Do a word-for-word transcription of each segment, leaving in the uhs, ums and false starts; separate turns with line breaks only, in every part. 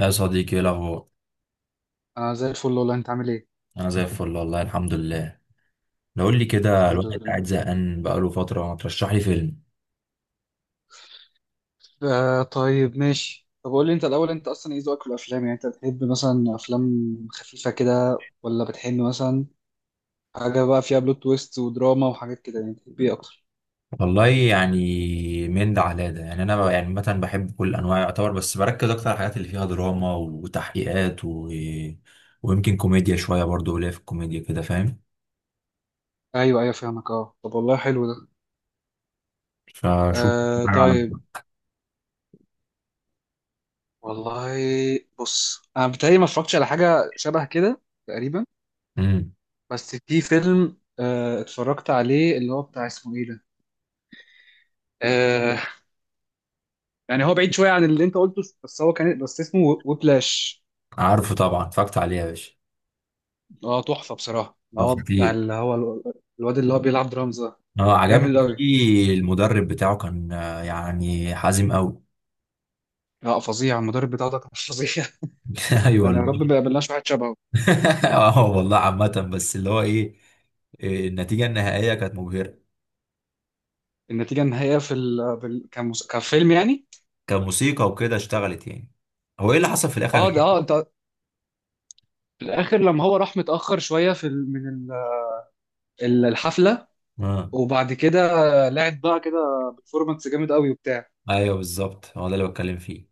يا صديقي، ايه الاخبار؟
انا زي الفل والله، انت عامل ايه؟
انا زي الفل والله الحمد لله. لو قول لي كده،
الحمد
الواحد
لله.
قاعد زهقان بقاله فتره. ما ترشح لي فيلم.
آه طيب ماشي. طب قول لي انت الاول، انت اصلا ايه ذوقك في الافلام؟ يعني انت بتحب مثلا افلام خفيفه كده، ولا بتحب مثلا حاجه بقى فيها بلوت تويست ودراما وحاجات كده؟ يعني بتحب ايه اكتر؟
والله يعني من ده على ده. يعني انا ب- يعني مثلا بحب كل انواع يعتبر، بس بركز اكتر على الحاجات اللي فيها دراما وتحقيقات و... ويمكن كوميديا شويه برضو، قليل في الكوميديا كده، فاهم؟
ايوه ايوه فاهمك. اه طب والله حلو ده.
فشوف
آه
حاجة على.
طيب. والله بص، انا بتهيألي ما اتفرجتش على حاجه شبه كده تقريبا.
امم
بس في فيلم آه اتفرجت عليه، اللي هو بتاع اسمه ايه ده، آه، يعني هو بعيد شويه عن اللي انت قلته، بس هو كان بس اسمه ويبلاش.
عارفه طبعا، اتفرجت عليه يا باشا.
اه تحفه بصراحه.
ده
هو
خطير.
بتاع اللي هو ال- الواد اللي هو بيلعب درامز ده،
اه،
جامد
عجبني
قوي.
فيه المدرب بتاعه كان آه، يعني حازم قوي.
لا فظيع، المدرب بتاعه ده كان فظيع
ايوه
يعني يا رب
والله.
ما يقابلناش واحد شبهه.
اه والله. عامة بس اللي هو ايه، إيه، النتيجة النهائية كانت مبهرة.
النتيجه النهائيه في ال... بال... كمس... كفيلم يعني.
كموسيقى وكده اشتغلت يعني. هو ايه اللي حصل في الاخر؟ أنا
اه
مش
ده
فاهم.
اه ده في الاخر لما هو راح متاخر شويه في ال... من ال... ال- الحفله،
اه.
وبعد كده لعب بقى كده بفورمانس جامد قوي وبتاع.
ايوه بالظبط، هو ده اللي بتكلم فيه.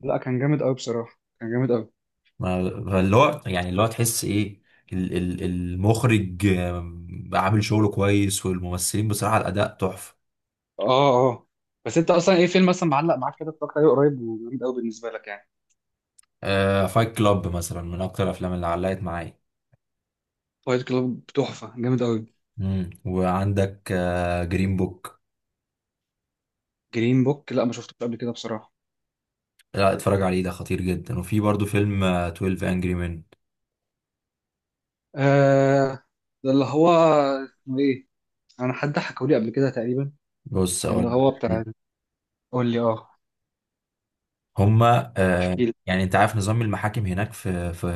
لا كان جامد قوي بصراحه، كان جامد قوي.
ما- فاللي هو يعني، اللي هو تحس ايه، ال ال المخرج آم، عامل شغله كويس، والممثلين بصراحة الأداء تحفة.
اه اه. بس انت اصلا ايه فيلم مثلا معلق معاك كده اتفرجت عليه قريب وجامد قوي بالنسبه لك يعني؟
آه، فايت كلاب مثلا من أكتر الأفلام اللي علقت معايا.
فايت كلوب تحفه جامد قوي.
مم. وعندك آه جرين بوك.
جرين بوك لا ما شفتوش قبل كده بصراحة.
لا، اتفرج عليه، ده خطير جدا. وفي برضو فيلم آه تويلف Angry Men.
آه ده اللي هو اسمه ايه، انا حد حكوا لي قبل كده تقريبا.
بص اقول
اللي
لك
هو
حاجة.
بتاع، قول لي اه،
هما آه
احكي لي.
يعني، انت عارف نظام المحاكم هناك في في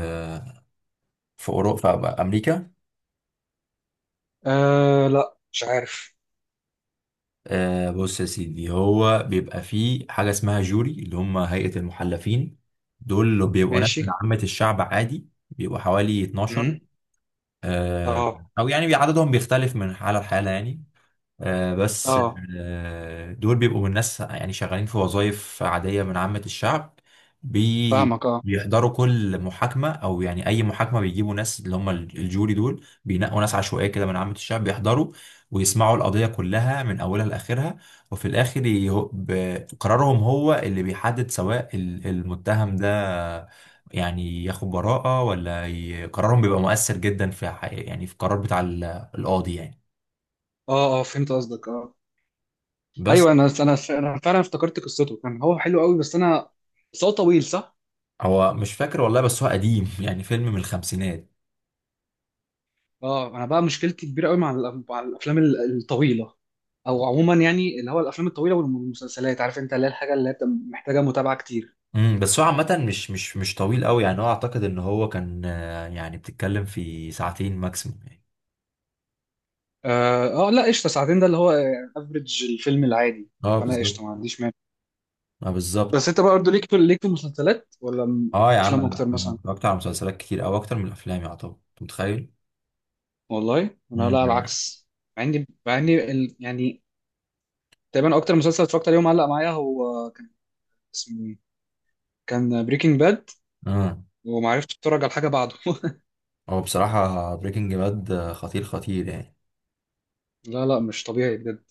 في اوروبا في امريكا؟
آه لا مش عارف.
آه، بص يا سيدي، هو بيبقى فيه حاجه اسمها جوري، اللي هم هيئه المحلفين. دول بيبقوا ناس من
ماشي.
عامه الشعب عادي، بيبقوا حوالي اتناشر.
امم
آه.
اه
او يعني عددهم بيختلف من حاله لحاله يعني. آه، بس
اه
آه، دول بيبقوا من ناس يعني شغالين في وظائف عادية من عامة الشعب. بي
فاهمك. اه
بيحضروا كل محاكمة أو يعني أي محاكمة. بيجيبوا ناس اللي هم الجوري دول، بينقوا ناس عشوائية كده من عامة الشعب، بيحضروا ويسمعوا القضية كلها من أولها لآخرها. وفي الآخر يه- ب- قرارهم هو اللي بيحدد سواء ال- المتهم ده يعني ياخد براءة ولا، ي- قرارهم بيبقى مؤثر جدا في حقيقة، يعني في القرار بتاع ال- القاضي يعني.
اه. اه فهمت قصدك اه.
بس.
ايوه، انا انا انا فعلا افتكرت قصته، كان هو حلو قوي، بس انا، بس هو طويل صح.
هو مش فاكر والله، بس هو قديم يعني، فيلم من الخمسينات.
اه انا بقى مشكلتي كبيره قوي مع الأف- مع الافلام ال- الطويله. او عموما يعني، اللي هو الافلام الطويله والمسلسلات، عارف انت، اللي هي الحاجه اللي هي بتبقى محتاجه متابعه كتير.
امم بس هو عامة مش مش مش طويل قوي يعني، هو اعتقد ان هو كان آه، يعني بتتكلم في ساعتين ماكسيموم يعني.
اه آه، لا قشطه، ساعتين ده اللي هو افريج الفيلم العادي.
اه
فانا
بالظبط.
قشطه، ما عنديش مانع.
اه بالظبط.
بس انت بقى برضه ليك في، ليك في المسلسلات ولا م-
اه يا عم،
افلام
انا
اكتر
انا
مثلا؟
اتفرجت على مسلسلات كتير او اكتر من الافلام يعتبر، انت متخيل؟
والله انا
امم
لا، على العكس. مع اني مع اني ال- يعني تقريبا اكتر مسلسل اتفرجت عليه ومعلق معايا هو كان اسمه ايه، كان بريكنج باد.
اه.
وما عرفتش اتفرج على حاجه بعده
هو بصراحة بريكنج باد خطير خطير يعني.
لا لا مش طبيعي بجد.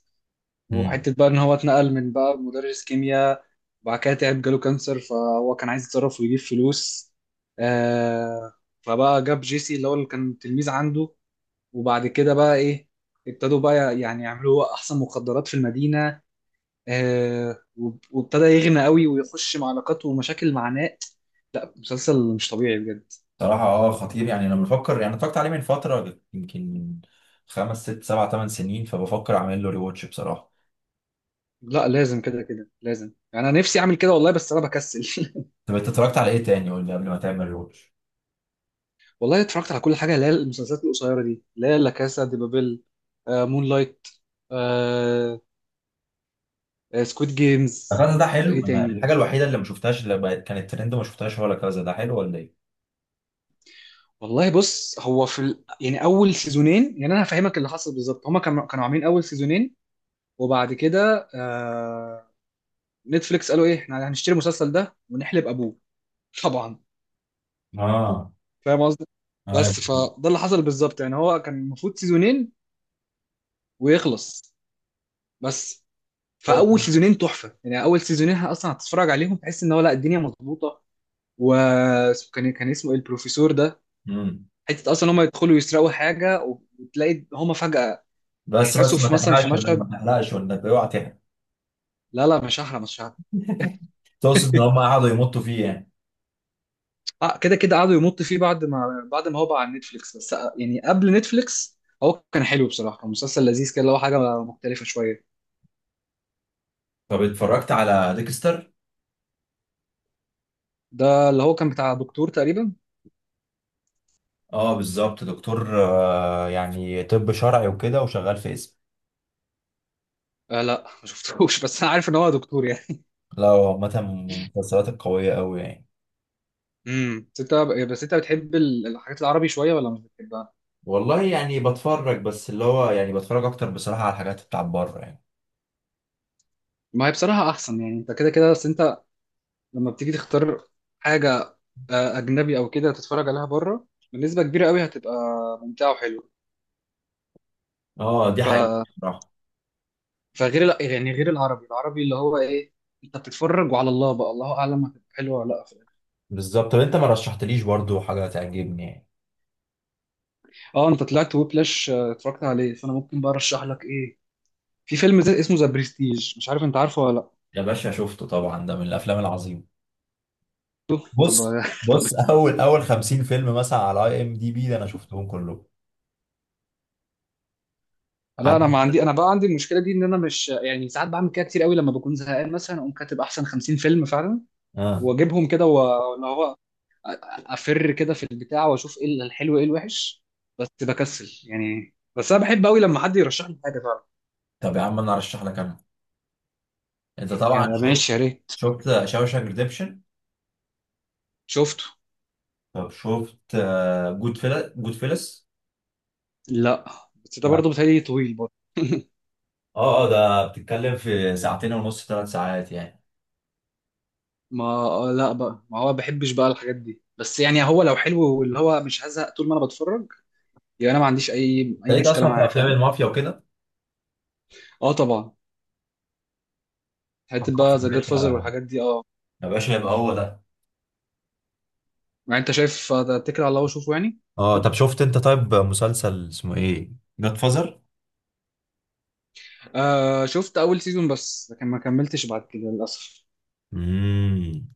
امم.
وحته بقى ان هو اتنقل من بقى مدرس كيمياء، وبعد كده تعب، جاله كانسر، فهو كان عايز يتصرف ويجيب فلوس. آه فبقى جاب جيسي اللي هو اللي كان تلميذ عنده. وبعد كده بقى ايه، ابتدوا بقى يعني يعملوا احسن مخدرات في المدينه. آه وب- وابتدى يغنى قوي ويخش مع علاقات ومشاكل مع ناس. مسلسل مش طبيعي بجد.
بصراحة اه، خطير يعني. انا بفكر، يعني اتفرجت عليه من فترة، يمكن خمس ست سبع ثمان سنين، فبفكر اعمل له ريواتش بصراحة.
لا لازم كده كده لازم، يعني انا نفسي اعمل كده والله، بس انا بكسل
طب انت اتفرجت على ايه تاني؟ قول لي قبل ما تعمل روتش.
والله اتفرجت على كل حاجه، اللي هي المسلسلات القصيره دي، اللي هي لا كاسا دي بابيل، آه مون لايت، آه سكويد جيمز.
كذا ده حلو.
ايه
انا
تاني،
الحاجه الوحيده اللي ما شفتهاش، اللي بقت كانت ترند وما شفتهاش، هو لا كذا. ده حلو ولا ايه؟
والله بص، هو في ال... يعني اول سيزونين، يعني انا هفهمك اللي حصل بالظبط. هما كانوا كانوا عاملين اول سيزونين، وبعد كده آه نتفليكس قالوا ايه، احنا هنشتري المسلسل ده ونحلب ابوه. طبعا،
اه
فاهم قصدي.
اه.
بس فده اللي حصل بالظبط، يعني هو كان المفروض سيزونين ويخلص. بس فاول
تقصد-
سيزونين تحفه، يعني اول سيزونين اصلا هتتفرج عليهم تحس ان هو لا الدنيا مظبوطه. و كان كان اسمه ايه البروفيسور ده،
امم.
حته اصلا هم يدخلوا يسرقوا حاجه وتلاقي هم فجاه
بس
احتسوا
بس، ما
في مثلا في
تحرقش ولا إيه؟ ما
مشهد.
تحرقش ولا إيه؟ اوعى تحرق.
لا لا مش هحرق، مش هحرق.
تقصد ان هم قعدوا يمطوا فيه يعني؟
آه، كده كده قعدوا يمط فيه، بعد ما بعد ما هو بقى على نتفليكس. بس آه، يعني قبل نتفليكس هو كان حلو بصراحه، كان مسلسل لذيذ كده، اللي هو حاجه مختلفه شويه.
طب اتفرجت على ديكستر؟
ده اللي هو كان بتاع دكتور تقريبا.
اه بالظبط، دكتور آه، يعني طب شرعي وكده وشغال في اسم.
آه لا ما شفتوش بس انا عارف ان هو دكتور يعني.
لا، هو عامه من المسلسلات القويه قوي يعني.
امم بس انت، بس انت بتحب ال- الحاجات العربي شويه ولا مش بتحبها؟
والله يعني بتفرج، بس اللي هو يعني بتفرج اكتر بصراحه على الحاجات بتاع بره يعني.
ما هي بصراحه احسن، يعني انت كده كده. بس انت لما بتيجي تختار حاجه آه، اجنبي او كده تتفرج عليها بره، بنسبه كبيره قوي هتبقى ممتعه وحلوه.
اه دي
ف...
حقيقة بصراحة.
فغير ال... يعني غير العربي، العربي اللي هو ايه، انت بتتفرج وعلى الله بقى، الله اعلم هتبقى حلوه ولا لا في الآخر.
بالظبط. طب انت ما رشحتليش برضو حاجه تعجبني يعني.
اه انت طلعت ويبلاش آه، اتفرجت عليه، فانا ممكن بقى ارشح لك ايه؟ في فيلم زي اسمه ذا بريستيج، مش عارف انت عارفه ولا لا.
يا باشا شفته طبعا، ده من الافلام العظيمة.
طب
بص بص، اول اول خمسين فيلم مثلا على اي ام دي بي ده، انا شفتهم كلهم.
لا
عارف.
انا ما عندي، انا بقى عندي المشكله دي ان انا مش يعني، ساعات بعمل كده كتير قوي، لما بكون زهقان مثلا اقوم كاتب احسن خمسين فيلم فعلا
اه
واجيبهم كده، واللي هو افر كده في البتاع واشوف ايه الحلو ايه الوحش. بس بكسل يعني، بس انا بحب قوي لما حد يرشح لي حاجه فعلا.
طب يا عم، انا ارشح لك انا. انت
يا
طبعا شفت،
ماشي يا ريت.
شفت شاوشانك ريديمشن.
شفته.
طب شفت، جود فيلا جود فيلس.
لا بس ده
لا.
برضه بتهيألي طويل برضه
اه اه، ده بتتكلم في ساعتين ونص ثلاث ساعات يعني.
ما آه، لا بقى، ما هو بحبش بقى الحاجات دي، بس يعني هو لو حلو واللي هو مش هزهق طول ما انا بتفرج. يعني انا ما عنديش اي
انت
اي
ليك
مشكله
اصلا في
معاه،
افلام
فاهم.
المافيا وكده؟
اه طبعا،
طب
حته
خلاص
بقى
يا
ذا جاد فازر
باشا.
والحاجات دي اه.
يا باشا يبقى هو ده.
يعني انت شايف آه، اتكل على الله وشوفه يعني.
اه طب شفت انت طيب مسلسل اسمه ايه، جاد فازر؟
آه شفت اول سيزون بس، لكن ما كملتش بعد كده للاسف.
امم.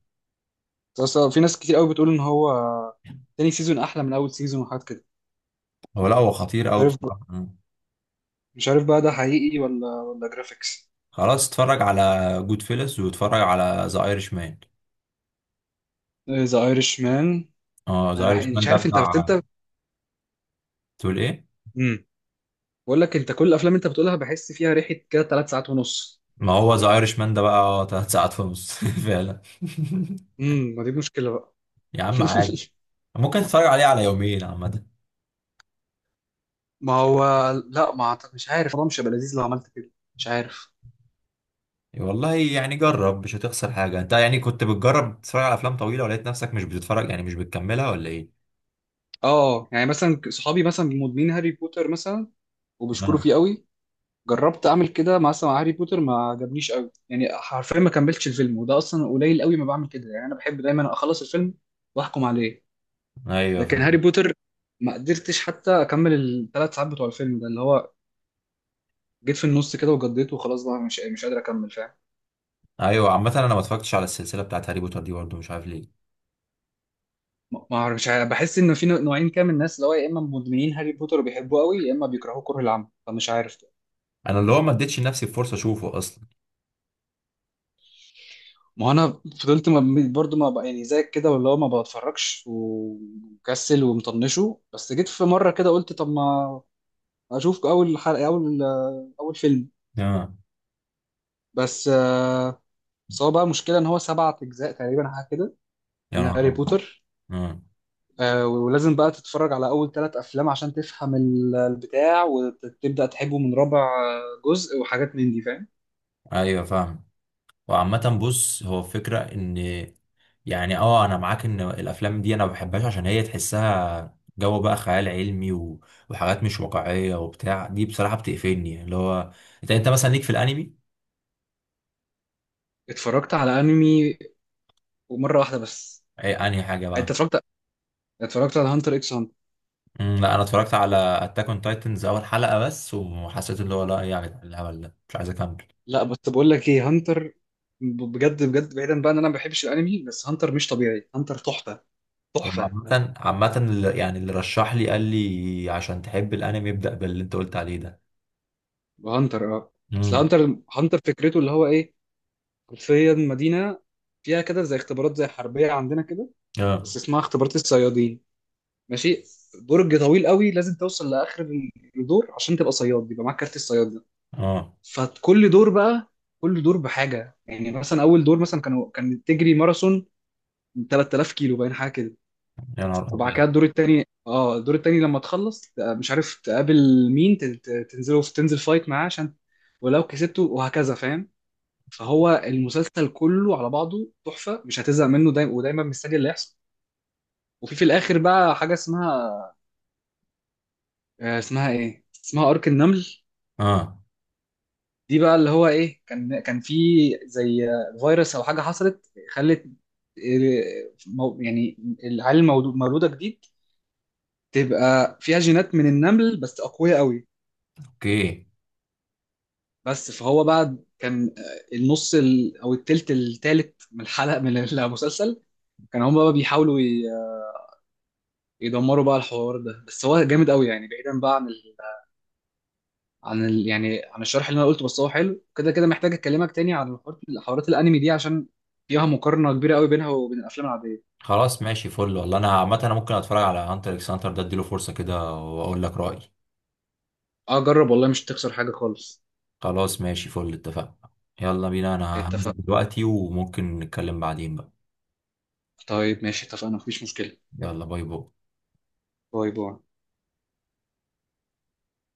بس آه، في ناس كتير قوي بتقول ان هو آه، تاني سيزون احلى من اول سيزون وحاجات كده.
هو لا هو خطير
مش
قوي
عارف بقى.
بصراحه. مم.
مش عارف بقى ده حقيقي ولا ولا جرافيكس.
خلاص اتفرج على جود فيلس واتفرج على ذا ايرش مان.
ذا ايرش مان،
اه، ذا
انا بح...
ايرش مان
مش
ده
عارف انت، بس
بتاع.
انت
تقول ايه؟
امم بقول لك، انت كل الافلام انت بتقولها بحس فيها ريحه كده ثلاث ساعات ونص.
ما هو ذا ايرش مان ده بقى اه تلات ساعات ونص فعلا.
امم، ما دي مشكله بقى
يا عم عادي، ممكن تتفرج عليه على يومين عامه.
ما هو، لا ما أعتقد- مش عارف، الموضوع مش هيبقى لذيذ لو عملت كده، مش عارف.
والله يعني جرب، مش هتخسر حاجه. انت يعني كنت بتجرب تتفرج على افلام طويله ولقيت نفسك مش بتتفرج يعني، مش بتكملها ولا ايه؟
اه يعني مثلا صحابي مثلا مدمنين هاري بوتر مثلا، وبيشكروا
آه.
فيه قوي. جربت اعمل كده مع مثلا مع هاري بوتر، ما عجبنيش قوي يعني، حرفيا ما كملتش الفيلم، وده اصلا قليل قوي ما بعمل كده، يعني انا بحب دايما اخلص الفيلم واحكم عليه.
ايوه.
لكن هاري بوتر ما قدرتش حتى اكمل الثلاث ساعات بتوع الفيلم ده. اللي هو جيت في النص كده وجديت وخلاص بقى، مش مش قادر اكمل، فاهم.
ايوه، عامة انا ما اتفرجتش على السلسلة بتاعت هاري بوتر دي برضه، مش عارف ليه.
ما ما اعرف، مش عارف، بحس ان في نوعين كده من الناس، اللي هو يا اما مدمنين هاري بوتر وبيحبوه قوي، يا اما بيكرهوه كره العمى، فمش عارف.
انا اللي هو ما اديتش لنفسي فرصة اشوفه اصلا.
ما هو انا فضلت ما برضو ما بقى يعني زيك كده، واللي هو ما بتفرجش ومكسل ومطنشه، بس جيت في مره كده قلت طب ما اشوف اول حلقه، اول اول فيلم.
اه.
بس آه، بس هو بقى مشكله ان هو سبعة اجزاء تقريبا حاجه كده
يا
من
نهار
هاري
أبيض.
بوتر.
اه.
آه، ولازم بقى تتفرج على اول ثلاث افلام عشان تفهم ال- البتاع وتبدا تحبه من رابع جزء وحاجات من دي، فاهم.
ايوه فاهم. وعامة بص، هو فكرة ان يعني، اه، انا معاك ان الافلام دي انا ما بحبهاش عشان هي تحسها جو بقى خيال علمي و... وحاجات مش واقعية وبتاع دي بصراحة بتقفلني. اللي هو انت انت مثلا ليك في الانمي؟
اتفرجت على انمي ومره واحده بس.
ايه انهي حاجة
انت
بقى؟
اتفرجت، اتفرجت على هانتر اكس.
مم، لا انا اتفرجت على اتاك اون تايتنز اول حلقة بس، وحسيت اللي هو لا، يعني ايه يا جدعان الهبل ده، مش عايز اكمل.
لا بس بقول لك ايه، هانتر، ب- بجد بجد، بعيدا بقى ان انا ما بحبش الانمي، بس هانتر مش طبيعي، هانتر تحفه
هو
تحفه.
عامة عامة اللي- يعني اللي رشح لي قال لي عشان تحب الانمي ابدأ باللي انت قلت عليه ده.
هانتر اه. بس
امم.
هانتر، هانتر فكرته اللي هو ايه، حرفيا مدينه فيها كده زي اختبارات زي حربيه عندنا كده،
اه
بس اسمها اختبارات الصيادين. ماشي. برج طويل قوي لازم توصل لاخر الدور عشان تبقى صياد، يبقى معاك كارت الصياد ده.
اه.
فكل دور بقى، كل دور بحاجه. يعني مثلا اول دور مثلا كانوا، كان تجري ماراثون ثلاثة آلاف كيلو باين حاجه كده.
يا نهار
وبعد
ابيض.
كده الدور التاني، اه الدور التاني لما تخلص ت- مش عارف تقابل مين، ت- ت- تنزله في، تنزل فايت معاه عشان، ولو كسبته وهكذا، فاهم. فهو المسلسل كله على بعضه تحفة، مش هتزهق منه، دايما ودايما مستني اللي يحصل. وفي في الاخر بقى حاجة اسمها آه، اسمها ايه، اسمها ارك النمل.
اه.
دي بقى اللي هو ايه، كان كان في زي آه، فيروس او حاجة حصلت، خلت آه، مو- يعني العيال المولودة جديد تبقى فيها جينات من النمل، بس أقوياء قوي.
اوكي.
بس فهو بقى كان آه، النص ال... او التلت، التالت من الحلقه من المسلسل كان هم بقى بيحاولوا ي- يدمروا بقى الحوار ده. بس هو جامد قوي يعني، بعيدا بقى عن ال... عن ال... يعني عن الشرح اللي انا قلته، بس هو حلو كده كده. محتاج اكلمك تاني عن الحوارات، حوارات الانمي دي، عشان فيها مقارنه كبيره قوي بينها وبين الافلام العاديه.
خلاص ماشي فل، والله انا عامة انا ممكن اتفرج على هانتر اكس هانتر ده، اديله فرصة كده واقول لك رأيي.
اه جرب والله، مش هتخسر حاجه خالص.
خلاص ماشي فل، اتفقنا. يلا بينا، انا هنزل
اتفق.
دلوقتي وممكن نتكلم بعدين بقى.
طيب ماشي اتفقنا، مفيش مشكله.
يلا باي باي.
باي باي.